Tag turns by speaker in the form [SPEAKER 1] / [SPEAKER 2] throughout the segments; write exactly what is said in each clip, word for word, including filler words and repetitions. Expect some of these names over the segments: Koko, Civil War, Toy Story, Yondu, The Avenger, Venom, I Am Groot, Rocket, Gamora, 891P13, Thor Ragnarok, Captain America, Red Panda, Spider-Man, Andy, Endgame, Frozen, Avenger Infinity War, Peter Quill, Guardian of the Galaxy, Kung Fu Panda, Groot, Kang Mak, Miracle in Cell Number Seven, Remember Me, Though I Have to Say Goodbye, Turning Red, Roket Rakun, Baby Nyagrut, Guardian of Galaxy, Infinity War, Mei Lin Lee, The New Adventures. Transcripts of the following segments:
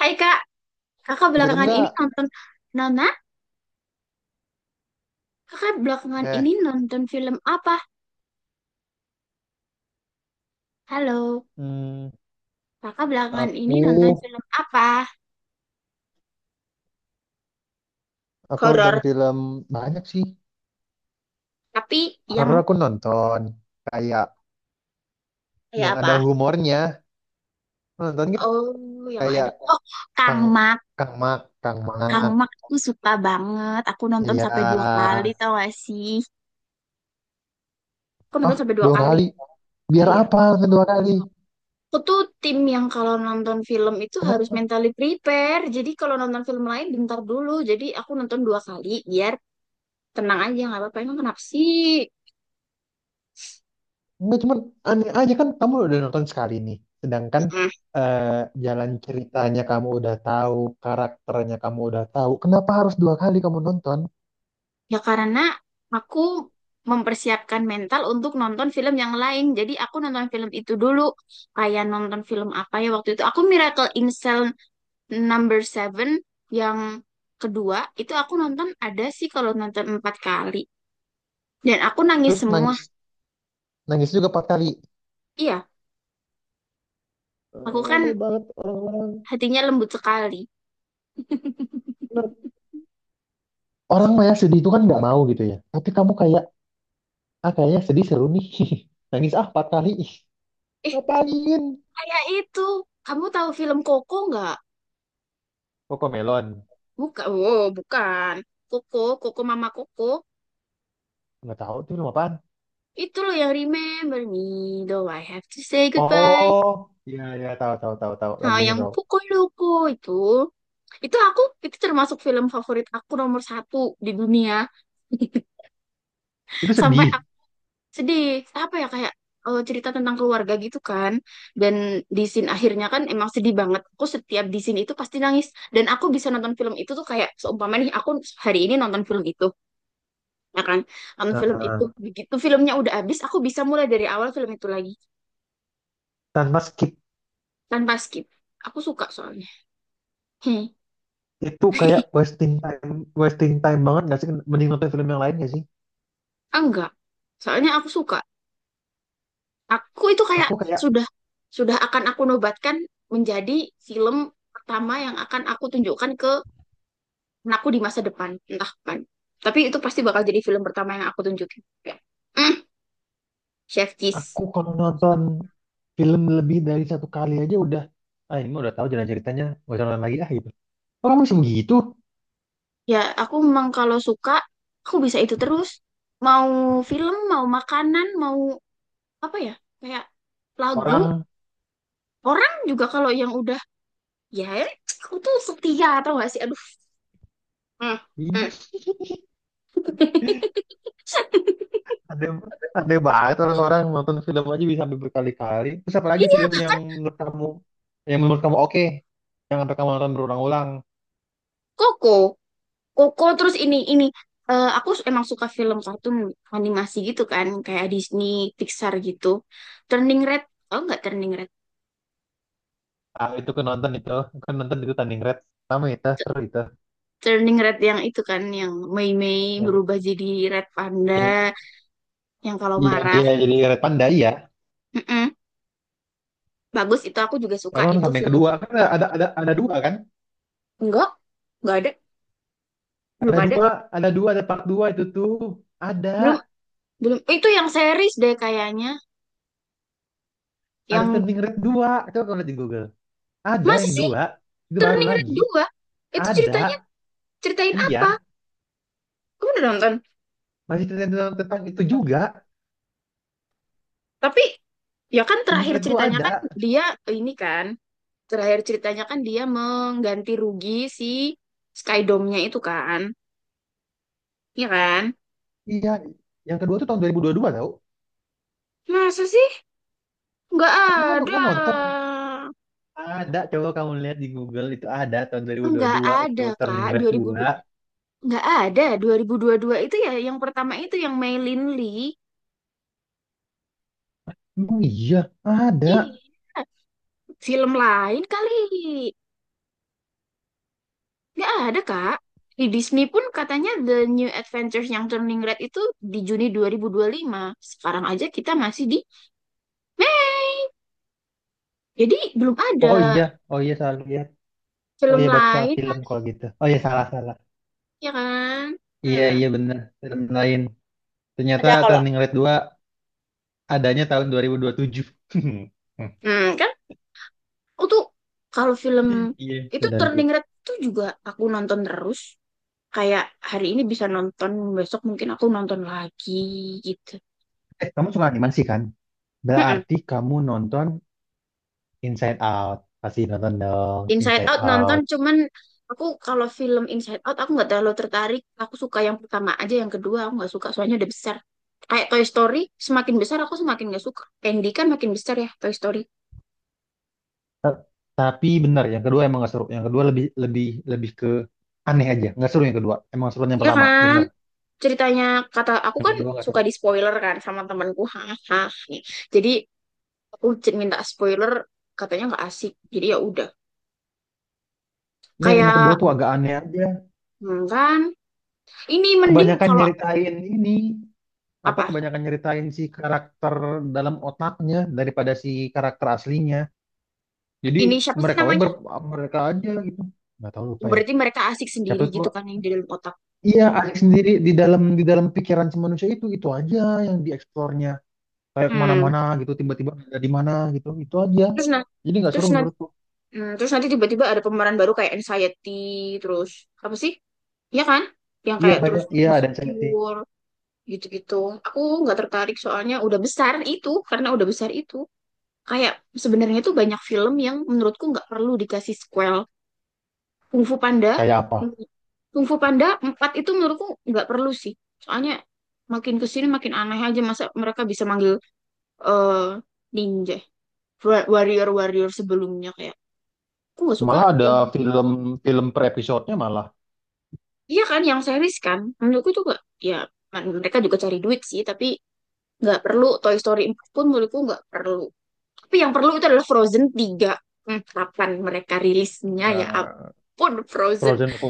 [SPEAKER 1] Hai Kak, kakak
[SPEAKER 2] Film
[SPEAKER 1] belakangan ini
[SPEAKER 2] nggak?
[SPEAKER 1] nonton Nona, kakak belakangan
[SPEAKER 2] Eh,
[SPEAKER 1] ini nonton film apa? Halo,
[SPEAKER 2] Hmm,
[SPEAKER 1] kakak belakangan ini
[SPEAKER 2] aku
[SPEAKER 1] nonton film apa?
[SPEAKER 2] aku nonton
[SPEAKER 1] Horor,
[SPEAKER 2] film banyak sih.
[SPEAKER 1] tapi yang
[SPEAKER 2] Horor aku nonton. Kayak
[SPEAKER 1] kayak
[SPEAKER 2] yang
[SPEAKER 1] apa?
[SPEAKER 2] ada humornya. Nonton nggak?
[SPEAKER 1] Oh, yang
[SPEAKER 2] Kayak
[SPEAKER 1] ada. Oh, Kang
[SPEAKER 2] Kang
[SPEAKER 1] Mak.
[SPEAKER 2] Kang Mak, Kang
[SPEAKER 1] Kang
[SPEAKER 2] Mak.
[SPEAKER 1] Mak aku suka banget. Aku nonton
[SPEAKER 2] Iya.
[SPEAKER 1] sampai dua kali tau gak sih? Aku
[SPEAKER 2] Oh,
[SPEAKER 1] nonton sampai dua
[SPEAKER 2] dua
[SPEAKER 1] kali.
[SPEAKER 2] kali. Biar
[SPEAKER 1] Iya.
[SPEAKER 2] apa nonton dua kali?
[SPEAKER 1] Aku tuh tim yang kalau nonton film itu harus
[SPEAKER 2] Kenapa?
[SPEAKER 1] mentally prepare. Jadi kalau nonton film lain bentar dulu. Jadi aku nonton dua kali biar tenang aja, nggak apa-apa. Emang kenapa sih?
[SPEAKER 2] Enggak, cuman aneh aja kan kamu udah nonton sekali nih. Sedangkan
[SPEAKER 1] mm
[SPEAKER 2] eh, jalan ceritanya kamu udah tahu, karakternya kamu udah tahu. Kenapa harus dua kali kamu nonton?
[SPEAKER 1] Ya karena aku mempersiapkan mental untuk nonton film yang lain. Jadi aku nonton film itu dulu. Kayak nonton film apa ya waktu itu. Aku Miracle in Cell Number seven yang kedua. Itu aku nonton ada sih kalau nonton empat kali. Dan aku nangis
[SPEAKER 2] Terus
[SPEAKER 1] semua.
[SPEAKER 2] nangis nangis juga empat kali.
[SPEAKER 1] Iya, aku kan
[SPEAKER 2] Aneh banget orang-orang
[SPEAKER 1] hatinya lembut sekali.
[SPEAKER 2] nerd. Orang mah ya sedih itu kan nggak mau gitu ya. Tapi kamu kayak, ah kayaknya sedih seru nih. Nangis ah empat kali. Ih,
[SPEAKER 1] Eh,
[SPEAKER 2] ngapain?
[SPEAKER 1] kayak itu. Kamu tahu film Koko nggak?
[SPEAKER 2] Koko Melon.
[SPEAKER 1] Bukan. Oh, bukan. Koko, Koko Mama Koko.
[SPEAKER 2] Nggak tahu itu film apaan.
[SPEAKER 1] Itu loh yang Remember Me, Though I Have to Say Goodbye.
[SPEAKER 2] Oh, iya iya tahu tahu tahu tahu
[SPEAKER 1] Nah,
[SPEAKER 2] lagunya
[SPEAKER 1] yang
[SPEAKER 2] tahu.
[SPEAKER 1] pukul Loco itu, itu aku, itu termasuk film favorit aku nomor satu di dunia.
[SPEAKER 2] Itu
[SPEAKER 1] Sampai
[SPEAKER 2] sedih.
[SPEAKER 1] aku sedih, apa ya, kayak eh, cerita tentang keluarga gitu kan. Dan di scene akhirnya kan emang sedih banget. Aku setiap di scene itu pasti nangis. Dan aku bisa nonton film itu tuh kayak, seumpama nih, aku hari ini nonton film itu, ya kan? Nonton film itu,
[SPEAKER 2] Heeh.
[SPEAKER 1] begitu filmnya udah habis, aku bisa mulai dari awal film itu lagi,
[SPEAKER 2] Tanpa skip
[SPEAKER 1] tanpa skip. Aku suka soalnya. Hmm.
[SPEAKER 2] itu kayak wasting time, wasting time banget nggak sih? Mending nonton film yang lain nggak sih?
[SPEAKER 1] Enggak. Soalnya aku suka. Aku itu kayak
[SPEAKER 2] Aku kayak
[SPEAKER 1] sudah sudah akan aku nobatkan menjadi film pertama yang akan aku tunjukkan ke anakku di masa depan, entah kapan. Tapi itu pasti bakal jadi film pertama yang aku tunjukin. Ya. Mm, Chef Kiss.
[SPEAKER 2] aku kalau nonton film lebih dari satu kali aja udah, ah ini mah udah tahu jalan ceritanya, nggak usah nonton lagi ah gitu. Orang masih begitu.
[SPEAKER 1] Ya, aku memang kalau suka, aku bisa itu terus. Mau film, mau makanan, mau apa ya? Kayak lagu.
[SPEAKER 2] Orang
[SPEAKER 1] Orang juga kalau yang udah, ya aku tuh setia atau gak sih? Aduh. Mm,
[SPEAKER 2] ini
[SPEAKER 1] mm.
[SPEAKER 2] ada ada banget, orang-orang nonton film aja bisa sampai berkali-kali. Terus apalagi
[SPEAKER 1] Iya,
[SPEAKER 2] film yang
[SPEAKER 1] bahkan
[SPEAKER 2] menurut kamu, yang menurut kamu oke, yang sampai kamu nonton berulang-ulang.
[SPEAKER 1] Koko. Koko terus ini ini eh, aku emang suka film kartun animasi gitu kan, kayak Disney, Pixar gitu. Turning Red, oh nggak Turning Red.
[SPEAKER 2] Ah, itu kan nonton itu, kan nonton itu tanding red. Pertama itu
[SPEAKER 1] T-
[SPEAKER 2] seru itu
[SPEAKER 1] Turning Red yang itu kan yang Mei Mei
[SPEAKER 2] yang
[SPEAKER 1] berubah jadi Red
[SPEAKER 2] yang
[SPEAKER 1] Panda yang kalau
[SPEAKER 2] yang
[SPEAKER 1] marah.
[SPEAKER 2] dia jadi red panda ya.
[SPEAKER 1] Mm-mm. Bagus itu aku juga suka
[SPEAKER 2] Aku nonton
[SPEAKER 1] itu
[SPEAKER 2] sampai yang
[SPEAKER 1] film.
[SPEAKER 2] kedua kan ada ada ada dua kan?
[SPEAKER 1] Enggak, enggak ada, belum
[SPEAKER 2] Ada
[SPEAKER 1] ada.
[SPEAKER 2] dua, ada dua, ada part dua itu tuh. Ada
[SPEAKER 1] Belum belum itu yang series deh kayaknya.
[SPEAKER 2] ada
[SPEAKER 1] Yang
[SPEAKER 2] tanding red dua. Coba kamu lihat di Google. Ada
[SPEAKER 1] masa
[SPEAKER 2] yang
[SPEAKER 1] sih
[SPEAKER 2] dua itu baru
[SPEAKER 1] Turning Red
[SPEAKER 2] lagi.
[SPEAKER 1] dua. Itu ceritanya
[SPEAKER 2] Ada,
[SPEAKER 1] ceritain apa?
[SPEAKER 2] iya.
[SPEAKER 1] Kamu udah nonton?
[SPEAKER 2] Masih tentang, tentang itu juga.
[SPEAKER 1] Tapi ya kan
[SPEAKER 2] Turning
[SPEAKER 1] terakhir
[SPEAKER 2] Red dua
[SPEAKER 1] ceritanya
[SPEAKER 2] ada,
[SPEAKER 1] kan dia ini kan terakhir ceritanya kan dia mengganti rugi si Skydome-nya itu kan, ya kan?
[SPEAKER 2] iya. Yang kedua tuh tahun dua ribu dua puluh dua tau
[SPEAKER 1] Masa sih? Nggak
[SPEAKER 2] kamu, kan, kan
[SPEAKER 1] ada.
[SPEAKER 2] nonton, ada coba kamu lihat di Google, itu ada tahun
[SPEAKER 1] Nggak
[SPEAKER 2] dua ribu dua puluh dua itu
[SPEAKER 1] ada,
[SPEAKER 2] Turning
[SPEAKER 1] Kak.
[SPEAKER 2] Red
[SPEAKER 1] dua ribu
[SPEAKER 2] dua.
[SPEAKER 1] nggak ada. Dua dua ribu dua puluh dua itu ya yang pertama itu yang Mei Lin Lee.
[SPEAKER 2] Oh iya ada.
[SPEAKER 1] Iya. Film lain kali. Nggak ada, Kak. Di Disney pun katanya The New Adventures yang Turning Red itu di Juni dua dua ribu dua puluh lima. Sekarang aja kita masih di eh, jadi belum ada
[SPEAKER 2] Oh iya, oh iya salah lihat. Oh
[SPEAKER 1] film
[SPEAKER 2] iya berarti salah
[SPEAKER 1] lain
[SPEAKER 2] film
[SPEAKER 1] kan,
[SPEAKER 2] kalau gitu. Oh iya, salah salah.
[SPEAKER 1] ya kan?
[SPEAKER 2] Iya,
[SPEAKER 1] Hmm.
[SPEAKER 2] iya benar film lain. Ternyata
[SPEAKER 1] Ada kalau
[SPEAKER 2] Turning Red dua adanya tahun dua ribu dua puluh tujuh.
[SPEAKER 1] hmm, kan aku kalau film
[SPEAKER 2] Iya
[SPEAKER 1] itu
[SPEAKER 2] sudah lihat.
[SPEAKER 1] Turning Red tuh juga aku nonton terus. Kayak hari ini bisa nonton, besok mungkin aku nonton lagi gitu.
[SPEAKER 2] eh kamu suka animasi kan,
[SPEAKER 1] Mm-mm.
[SPEAKER 2] berarti kamu nonton Inside Out, pasti nonton dong
[SPEAKER 1] Inside
[SPEAKER 2] Inside
[SPEAKER 1] Out nonton
[SPEAKER 2] Out.
[SPEAKER 1] cuman aku kalau film Inside Out aku nggak terlalu tertarik. Aku suka yang pertama aja, yang kedua aku nggak suka soalnya udah besar. Kayak Toy Story, semakin besar aku semakin nggak suka. Andy kan makin besar ya Toy Story.
[SPEAKER 2] Tapi bener yang kedua emang gak seru, yang kedua lebih lebih lebih ke aneh aja. Nggak seru yang kedua, emang seru yang
[SPEAKER 1] Iya
[SPEAKER 2] pertama
[SPEAKER 1] kan?
[SPEAKER 2] bener.
[SPEAKER 1] Ceritanya kata aku
[SPEAKER 2] Yang
[SPEAKER 1] kan
[SPEAKER 2] kedua nggak
[SPEAKER 1] suka
[SPEAKER 2] seru.
[SPEAKER 1] di spoiler kan sama temanku, hahaha, nih jadi aku c- minta spoiler, katanya nggak asik jadi ya udah
[SPEAKER 2] Ya emang
[SPEAKER 1] kayak
[SPEAKER 2] kedua tuh agak aneh aja.
[SPEAKER 1] hmm, kan ini mending
[SPEAKER 2] Kebanyakan
[SPEAKER 1] kalau
[SPEAKER 2] nyeritain ini, apa,
[SPEAKER 1] apa
[SPEAKER 2] kebanyakan nyeritain si karakter dalam otaknya daripada si karakter aslinya. Jadi
[SPEAKER 1] ini siapa sih
[SPEAKER 2] mereka we
[SPEAKER 1] namanya,
[SPEAKER 2] ber- mereka aja gitu. Nggak tahu, lupa ya
[SPEAKER 1] berarti mereka asik
[SPEAKER 2] siapa
[SPEAKER 1] sendiri
[SPEAKER 2] itu.
[SPEAKER 1] gitu kan yang di dalam otak.
[SPEAKER 2] Iya, Alex sendiri di dalam, di dalam pikiran si manusia itu itu aja yang dieksplornya. Kayak
[SPEAKER 1] Hmm.
[SPEAKER 2] kemana-mana gitu, tiba-tiba ada di mana gitu, itu aja.
[SPEAKER 1] Terus nah
[SPEAKER 2] Jadi nggak
[SPEAKER 1] terus
[SPEAKER 2] seru
[SPEAKER 1] nanti
[SPEAKER 2] menurutku.
[SPEAKER 1] terus nanti tiba-tiba ada pemeran baru kayak anxiety, terus apa sih ya kan yang
[SPEAKER 2] Iya
[SPEAKER 1] kayak terus
[SPEAKER 2] banyak, iya ada insentif.
[SPEAKER 1] insecure gitu-gitu, aku nggak tertarik soalnya udah besar itu karena udah besar itu kayak sebenarnya tuh banyak film yang menurutku nggak perlu dikasih sequel. Kung Fu Panda,
[SPEAKER 2] Kayak apa,
[SPEAKER 1] Kung Fu Panda empat itu menurutku nggak perlu sih. Soalnya makin kesini makin aneh aja masa mereka bisa manggil eh ninja, wa- warrior-warrior sebelumnya kayak. Aku nggak suka
[SPEAKER 2] malah ada
[SPEAKER 1] yang
[SPEAKER 2] film film per episodenya malah.
[SPEAKER 1] iya kan yang series kan. Menurutku tuh nggak, ya mereka juga cari duit sih tapi nggak perlu Toy Story empat pun menurutku nggak perlu. Tapi yang perlu itu adalah Frozen tiga. Hmm, kapan mereka rilisnya ya
[SPEAKER 2] Eh,
[SPEAKER 1] ampun Frozen.
[SPEAKER 2] Frozen aku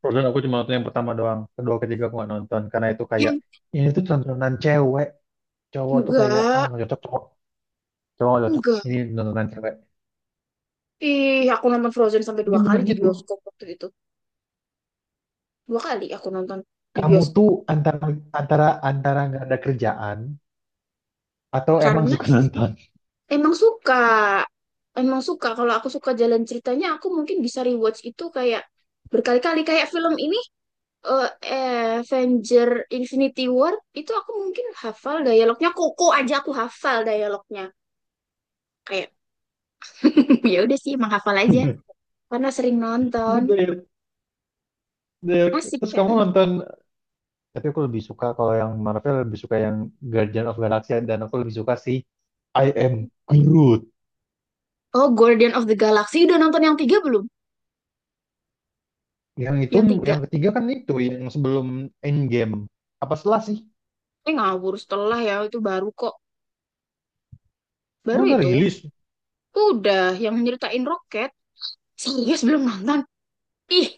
[SPEAKER 2] Frozen aku cuma nonton yang pertama doang, kedua ketiga aku nggak nonton karena itu kayak
[SPEAKER 1] Yang
[SPEAKER 2] ini tuh tontonan cewek. Cowok tuh kayak ah
[SPEAKER 1] enggak,
[SPEAKER 2] nggak cocok cowok, cowok nggak cocok,
[SPEAKER 1] enggak.
[SPEAKER 2] ini tontonan cewek.
[SPEAKER 1] Ih, aku nonton Frozen sampai
[SPEAKER 2] Ini
[SPEAKER 1] dua
[SPEAKER 2] bener
[SPEAKER 1] kali di
[SPEAKER 2] gitu?
[SPEAKER 1] bioskop waktu itu. Dua kali aku nonton di
[SPEAKER 2] Kamu
[SPEAKER 1] bioskop.
[SPEAKER 2] tuh antara, antara antara nggak ada kerjaan atau emang
[SPEAKER 1] Karena
[SPEAKER 2] suka nonton.
[SPEAKER 1] emang suka. Emang suka. Kalau aku suka jalan ceritanya, aku mungkin bisa rewatch itu kayak berkali-kali. Kayak film ini, eh, Avenger Infinity War, itu aku mungkin hafal dialognya. Koko aja aku hafal dialognya. Kayak ya udah sih menghafal aja karena sering
[SPEAKER 2] Gue
[SPEAKER 1] nonton
[SPEAKER 2] dari-
[SPEAKER 1] asik
[SPEAKER 2] terus
[SPEAKER 1] kan.
[SPEAKER 2] kamu nonton. Tapi aku lebih suka kalau yang Marvel, lebih suka yang Guardian of Galaxy, dan aku lebih suka si I Am Groot.
[SPEAKER 1] Oh Guardian of the Galaxy udah nonton yang tiga belum?
[SPEAKER 2] Yang itu
[SPEAKER 1] Yang
[SPEAKER 2] yang
[SPEAKER 1] tiga
[SPEAKER 2] ketiga kan itu yang sebelum Endgame. Apa setelah sih?
[SPEAKER 1] eh ngawur setelah ya itu baru kok
[SPEAKER 2] Emang
[SPEAKER 1] baru
[SPEAKER 2] udah
[SPEAKER 1] itu
[SPEAKER 2] rilis?
[SPEAKER 1] udah yang nyeritain roket. Serius belum nonton? Ih,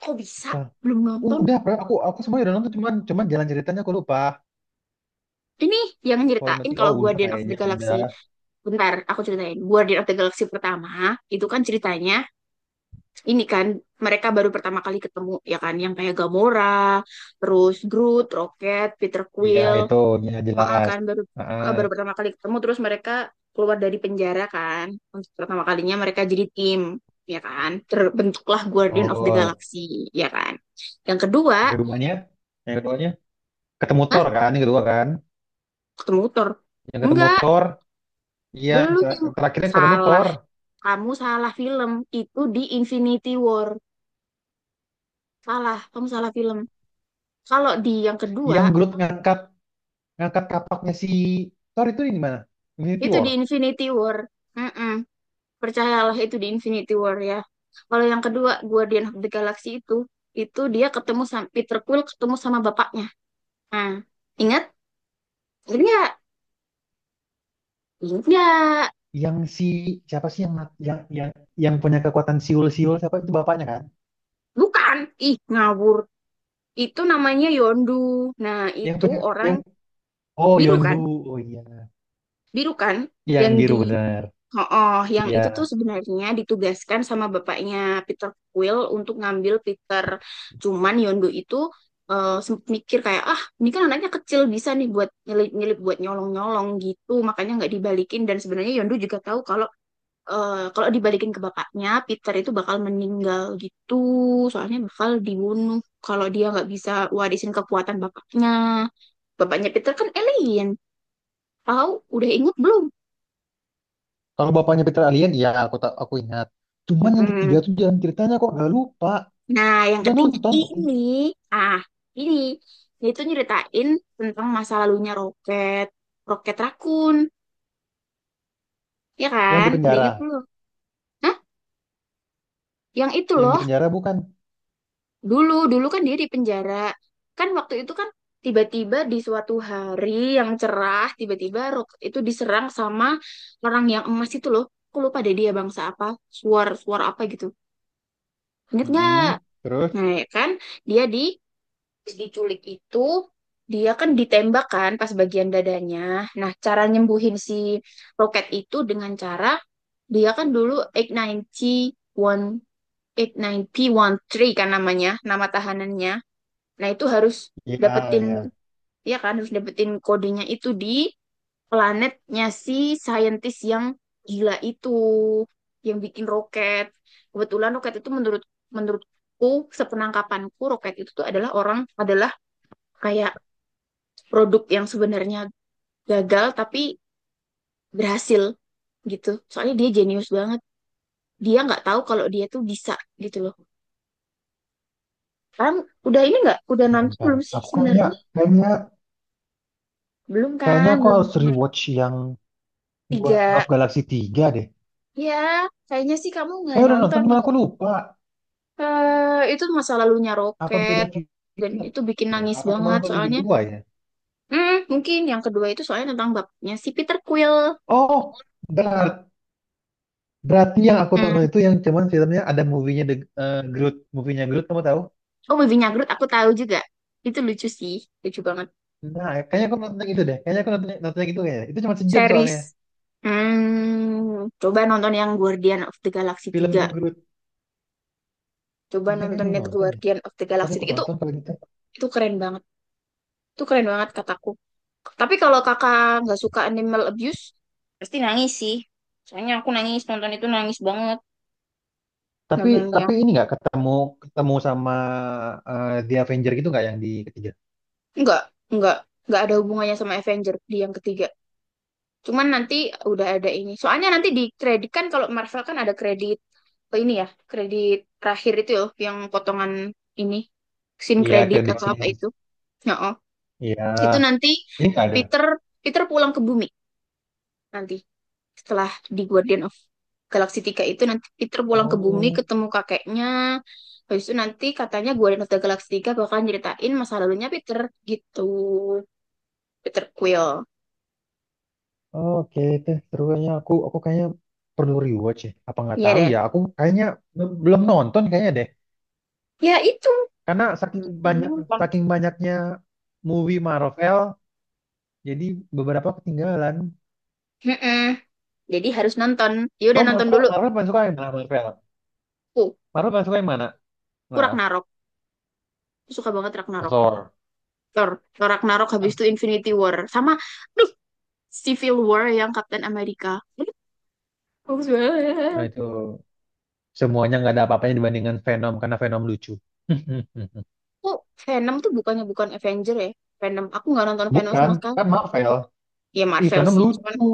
[SPEAKER 1] kok bisa
[SPEAKER 2] Bentar.
[SPEAKER 1] belum nonton
[SPEAKER 2] Udah, Pra. aku aku semuanya udah nonton, cuman cuman jalan ceritanya aku lupa.
[SPEAKER 1] ini yang
[SPEAKER 2] Kalau
[SPEAKER 1] nyeritain
[SPEAKER 2] mati oh
[SPEAKER 1] kalau
[SPEAKER 2] udah
[SPEAKER 1] Guardian of the
[SPEAKER 2] kayaknya udah.
[SPEAKER 1] Galaxy. Bentar aku ceritain Guardian of the Galaxy pertama itu kan ceritanya ini kan mereka baru pertama kali ketemu ya kan yang kayak Gamora terus Groot Rocket Peter
[SPEAKER 2] Iya
[SPEAKER 1] Quill.
[SPEAKER 2] itu ya
[SPEAKER 1] Heeh
[SPEAKER 2] jelas.
[SPEAKER 1] kan baru
[SPEAKER 2] Heeh,
[SPEAKER 1] eh, baru pertama kali ketemu terus mereka keluar dari penjara kan untuk pertama kalinya mereka jadi tim ya kan terbentuklah Guardian of the
[SPEAKER 2] betul.
[SPEAKER 1] Galaxy, ya kan, yang
[SPEAKER 2] Yang
[SPEAKER 1] kedua.
[SPEAKER 2] keduanya, yang keduanya ketemu
[SPEAKER 1] Hah,
[SPEAKER 2] Thor kan, yang kedua kan.
[SPEAKER 1] ketemu Thor?
[SPEAKER 2] Yang ketemu
[SPEAKER 1] Enggak,
[SPEAKER 2] Thor, iya
[SPEAKER 1] belum
[SPEAKER 2] ter-
[SPEAKER 1] yang
[SPEAKER 2] terakhirnya ketemu
[SPEAKER 1] salah,
[SPEAKER 2] Thor.
[SPEAKER 1] kamu salah film, itu di Infinity War. Salah, kamu salah film. Kalau di yang kedua
[SPEAKER 2] Yang Groot ngangkat ngangkat kapaknya si Thor itu di mana? Infinity
[SPEAKER 1] itu di
[SPEAKER 2] War.
[SPEAKER 1] Infinity War. Mm-mm. Percayalah itu di Infinity War ya. Kalau yang kedua Guardian of the Galaxy itu, itu dia ketemu sama Peter Quill ketemu sama bapaknya. Nah, ingat? Ingat nggak? Ingat nggak?
[SPEAKER 2] Yang si siapa sih yang mat- yang yang yang punya kekuatan siul-siul, siapa itu bapaknya kan?
[SPEAKER 1] Bukan. Ih, ngawur. Itu namanya Yondu. Nah,
[SPEAKER 2] Yang
[SPEAKER 1] itu
[SPEAKER 2] punya yang
[SPEAKER 1] orang
[SPEAKER 2] oh
[SPEAKER 1] biru
[SPEAKER 2] Yondu.
[SPEAKER 1] kan?
[SPEAKER 2] Oh iya.
[SPEAKER 1] Biru kan?
[SPEAKER 2] Iya, yang
[SPEAKER 1] Yang
[SPEAKER 2] biru
[SPEAKER 1] di
[SPEAKER 2] benar.
[SPEAKER 1] oh, oh, yang itu tuh
[SPEAKER 2] Iya.
[SPEAKER 1] sebenarnya ditugaskan sama bapaknya Peter Quill untuk ngambil Peter. Cuman Yondu itu eh, sempet mikir kayak, ah ini kan anaknya kecil bisa nih buat nyelip-nyelip, buat nyolong-nyolong gitu. Makanya nggak dibalikin. Dan sebenarnya Yondu juga tahu kalau eh, kalau dibalikin ke bapaknya, Peter itu bakal meninggal gitu. Soalnya bakal dibunuh kalau dia nggak bisa warisin kekuatan bapaknya. Bapaknya Peter kan alien. Tahu? Udah inget belum?
[SPEAKER 2] Kalau bapaknya Peter alien iya aku, tak aku ingat. Cuman yang ketiga
[SPEAKER 1] Mm-mm.
[SPEAKER 2] tuh jalan ceritanya kok gak lupa.
[SPEAKER 1] Nah, yang
[SPEAKER 2] Udah
[SPEAKER 1] ketiga
[SPEAKER 2] nonton tuh.
[SPEAKER 1] ini, ah, ini dia itu nyeritain tentang masa lalunya Roket, Roket Rakun, ya
[SPEAKER 2] Yang di
[SPEAKER 1] kan? Udah
[SPEAKER 2] penjara.
[SPEAKER 1] inget dulu. Hah? Yang itu
[SPEAKER 2] Yang di
[SPEAKER 1] loh,
[SPEAKER 2] penjara bukan?
[SPEAKER 1] dulu, dulu kan dia di penjara. Kan waktu itu kan tiba-tiba di suatu hari yang cerah, tiba-tiba Roket itu diserang sama orang yang emas itu loh. Aku lupa deh dia bangsa apa, suar, suar apa gitu. Ingat nggak?
[SPEAKER 2] Mm-mm. Terus?
[SPEAKER 1] Nah, ya kan? Dia di diculik itu, dia kan ditembak kan pas bagian dadanya. Nah, cara nyembuhin si roket itu dengan cara dia kan dulu delapan sembilan satu delapan sembilan satu P satu tiga kan namanya, nama tahanannya. Nah, itu harus
[SPEAKER 2] Iya,
[SPEAKER 1] dapetin,
[SPEAKER 2] iya.
[SPEAKER 1] ya kan harus dapetin kodenya itu di planetnya si saintis yang gila itu yang bikin roket. Kebetulan roket itu menurut menurutku sepenangkapanku roket itu tuh adalah orang adalah kayak produk yang sebenarnya gagal tapi berhasil gitu. Soalnya dia jenius banget. Dia nggak tahu kalau dia tuh bisa gitu loh. Kan udah ini nggak? Udah
[SPEAKER 2] Bentar,
[SPEAKER 1] nanti
[SPEAKER 2] bentar.
[SPEAKER 1] belum sih
[SPEAKER 2] Aku kayaknya
[SPEAKER 1] sebenarnya?
[SPEAKER 2] kayaknya
[SPEAKER 1] Belum
[SPEAKER 2] kayaknya
[SPEAKER 1] kan?
[SPEAKER 2] aku
[SPEAKER 1] Belum
[SPEAKER 2] harus rewatch yang Guardian
[SPEAKER 1] tiga.
[SPEAKER 2] of Galaxy tiga deh.
[SPEAKER 1] Ya, kayaknya sih kamu nggak
[SPEAKER 2] Saya udah
[SPEAKER 1] nonton.
[SPEAKER 2] nonton cuma aku lupa
[SPEAKER 1] Eh, itu masa lalunya
[SPEAKER 2] apa beda
[SPEAKER 1] Roket. Dan
[SPEAKER 2] filmnya.
[SPEAKER 1] itu bikin nangis
[SPEAKER 2] Apa cuma
[SPEAKER 1] banget
[SPEAKER 2] nonton yang
[SPEAKER 1] soalnya.
[SPEAKER 2] kedua ya?
[SPEAKER 1] Hmm, mungkin yang kedua itu soalnya tentang bapaknya si Peter Quill.
[SPEAKER 2] Oh, berat- berarti yang aku
[SPEAKER 1] Hmm.
[SPEAKER 2] tonton itu yang cuman filmnya ada movie-nya The eh, Groot, movie-nya Groot kamu tahu?
[SPEAKER 1] Oh, Baby Nyagrut aku tahu juga. Itu lucu sih. Lucu banget.
[SPEAKER 2] Nah, kayaknya aku nonton yang itu deh. Kayaknya aku nonton, nonton yang itu kayaknya. Itu cuma sejam
[SPEAKER 1] Series.
[SPEAKER 2] soalnya
[SPEAKER 1] Hmm, coba nonton yang Guardian of the Galaxy tiga.
[SPEAKER 2] filmnya Groot.
[SPEAKER 1] Coba
[SPEAKER 2] Iya, kayak
[SPEAKER 1] nonton
[SPEAKER 2] belum
[SPEAKER 1] net
[SPEAKER 2] nonton deh.
[SPEAKER 1] Guardian of the
[SPEAKER 2] Tadi
[SPEAKER 1] Galaxy
[SPEAKER 2] aku
[SPEAKER 1] tiga. Itu
[SPEAKER 2] tonton kalau gitu.
[SPEAKER 1] itu keren banget. Itu keren banget kataku. Tapi kalau kakak nggak suka animal abuse, pasti nangis sih. Soalnya aku nangis nonton itu nangis banget. Nggak
[SPEAKER 2] Tapi
[SPEAKER 1] bener
[SPEAKER 2] tapi
[SPEAKER 1] yang
[SPEAKER 2] ini nggak ketemu ketemu sama eh, The Avenger gitu nggak, yang di ketiga?
[SPEAKER 1] nggak, nggak, nggak ada hubungannya sama Avenger di yang ketiga. Cuman nanti udah ada ini. Soalnya nanti di kredit kan kalau Marvel kan ada kredit eh, ini ya, kredit terakhir itu ya, yang potongan ini, scene
[SPEAKER 2] Iya,
[SPEAKER 1] kredit
[SPEAKER 2] credit
[SPEAKER 1] atau apa
[SPEAKER 2] scenes.
[SPEAKER 1] itu. Ya oh,
[SPEAKER 2] Iya,
[SPEAKER 1] itu nanti
[SPEAKER 2] ini nggak ada.
[SPEAKER 1] Peter Peter pulang ke bumi nanti setelah di Guardian of Galaxy tiga itu nanti Peter pulang ke bumi
[SPEAKER 2] Oh.
[SPEAKER 1] ketemu kakeknya. Habis itu nanti katanya Guardian of the Galaxy tiga bakal nyeritain masa lalunya Peter gitu. Peter Quill.
[SPEAKER 2] Oh oke, itu seru kayaknya. Aku aku kayaknya perlu rewatch ya. Apa nggak
[SPEAKER 1] Iya
[SPEAKER 2] tahu
[SPEAKER 1] deh.
[SPEAKER 2] ya? Aku kayaknya be- belum nonton kayaknya deh.
[SPEAKER 1] Ya itu.
[SPEAKER 2] Karena saking banyak
[SPEAKER 1] Bener, Bang.
[SPEAKER 2] saking banyaknya movie Marvel, jadi beberapa ketinggalan.
[SPEAKER 1] Mm-mm. Jadi harus nonton. Ya udah
[SPEAKER 2] Kamu
[SPEAKER 1] nonton
[SPEAKER 2] Marvel,
[SPEAKER 1] dulu.
[SPEAKER 2] Marvel paling suka yang mana Marvel?
[SPEAKER 1] Ku,
[SPEAKER 2] Marvel paling suka yang mana?
[SPEAKER 1] ku
[SPEAKER 2] Nah,
[SPEAKER 1] Ragnarok. Aku suka banget Ragnarok.
[SPEAKER 2] Thor.
[SPEAKER 1] Thor, Thor Ragnarok habis
[SPEAKER 2] Ah,
[SPEAKER 1] itu Infinity War. Sama, aduh, Civil War yang Captain America. Aduh, bagus
[SPEAKER 2] nah
[SPEAKER 1] banget.
[SPEAKER 2] itu semuanya nggak ada apa-apanya dibandingkan Venom karena Venom lucu.
[SPEAKER 1] Aku Venom tuh bukannya bukan Avenger ya. Venom, aku nggak nonton Venom
[SPEAKER 2] Bukan,
[SPEAKER 1] sama sekali.
[SPEAKER 2] kan Marvel.
[SPEAKER 1] Ya
[SPEAKER 2] Ih,
[SPEAKER 1] Marvel
[SPEAKER 2] Venom
[SPEAKER 1] sih. Cuman
[SPEAKER 2] lucu.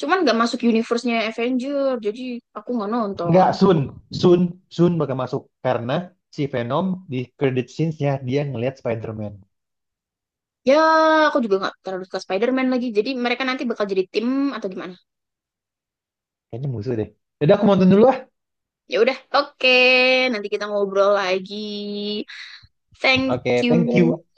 [SPEAKER 1] Cuman nggak masuk universe-nya Avenger. Jadi aku nggak nonton.
[SPEAKER 2] Nggak, Sun. Sun, Sun bakal masuk. Karena si Venom di credit scenes-nya dia ngelihat Spider-Man.
[SPEAKER 1] Ya, aku juga nggak terlalu suka Spider-Man lagi. Jadi mereka nanti bakal jadi tim atau gimana?
[SPEAKER 2] Kayaknya musuh deh. Jadi aku mau nonton dulu ah.
[SPEAKER 1] Ya udah, oke. Nanti kita ngobrol lagi. Thank
[SPEAKER 2] Oke,
[SPEAKER 1] you.
[SPEAKER 2] thank you.
[SPEAKER 1] Okay.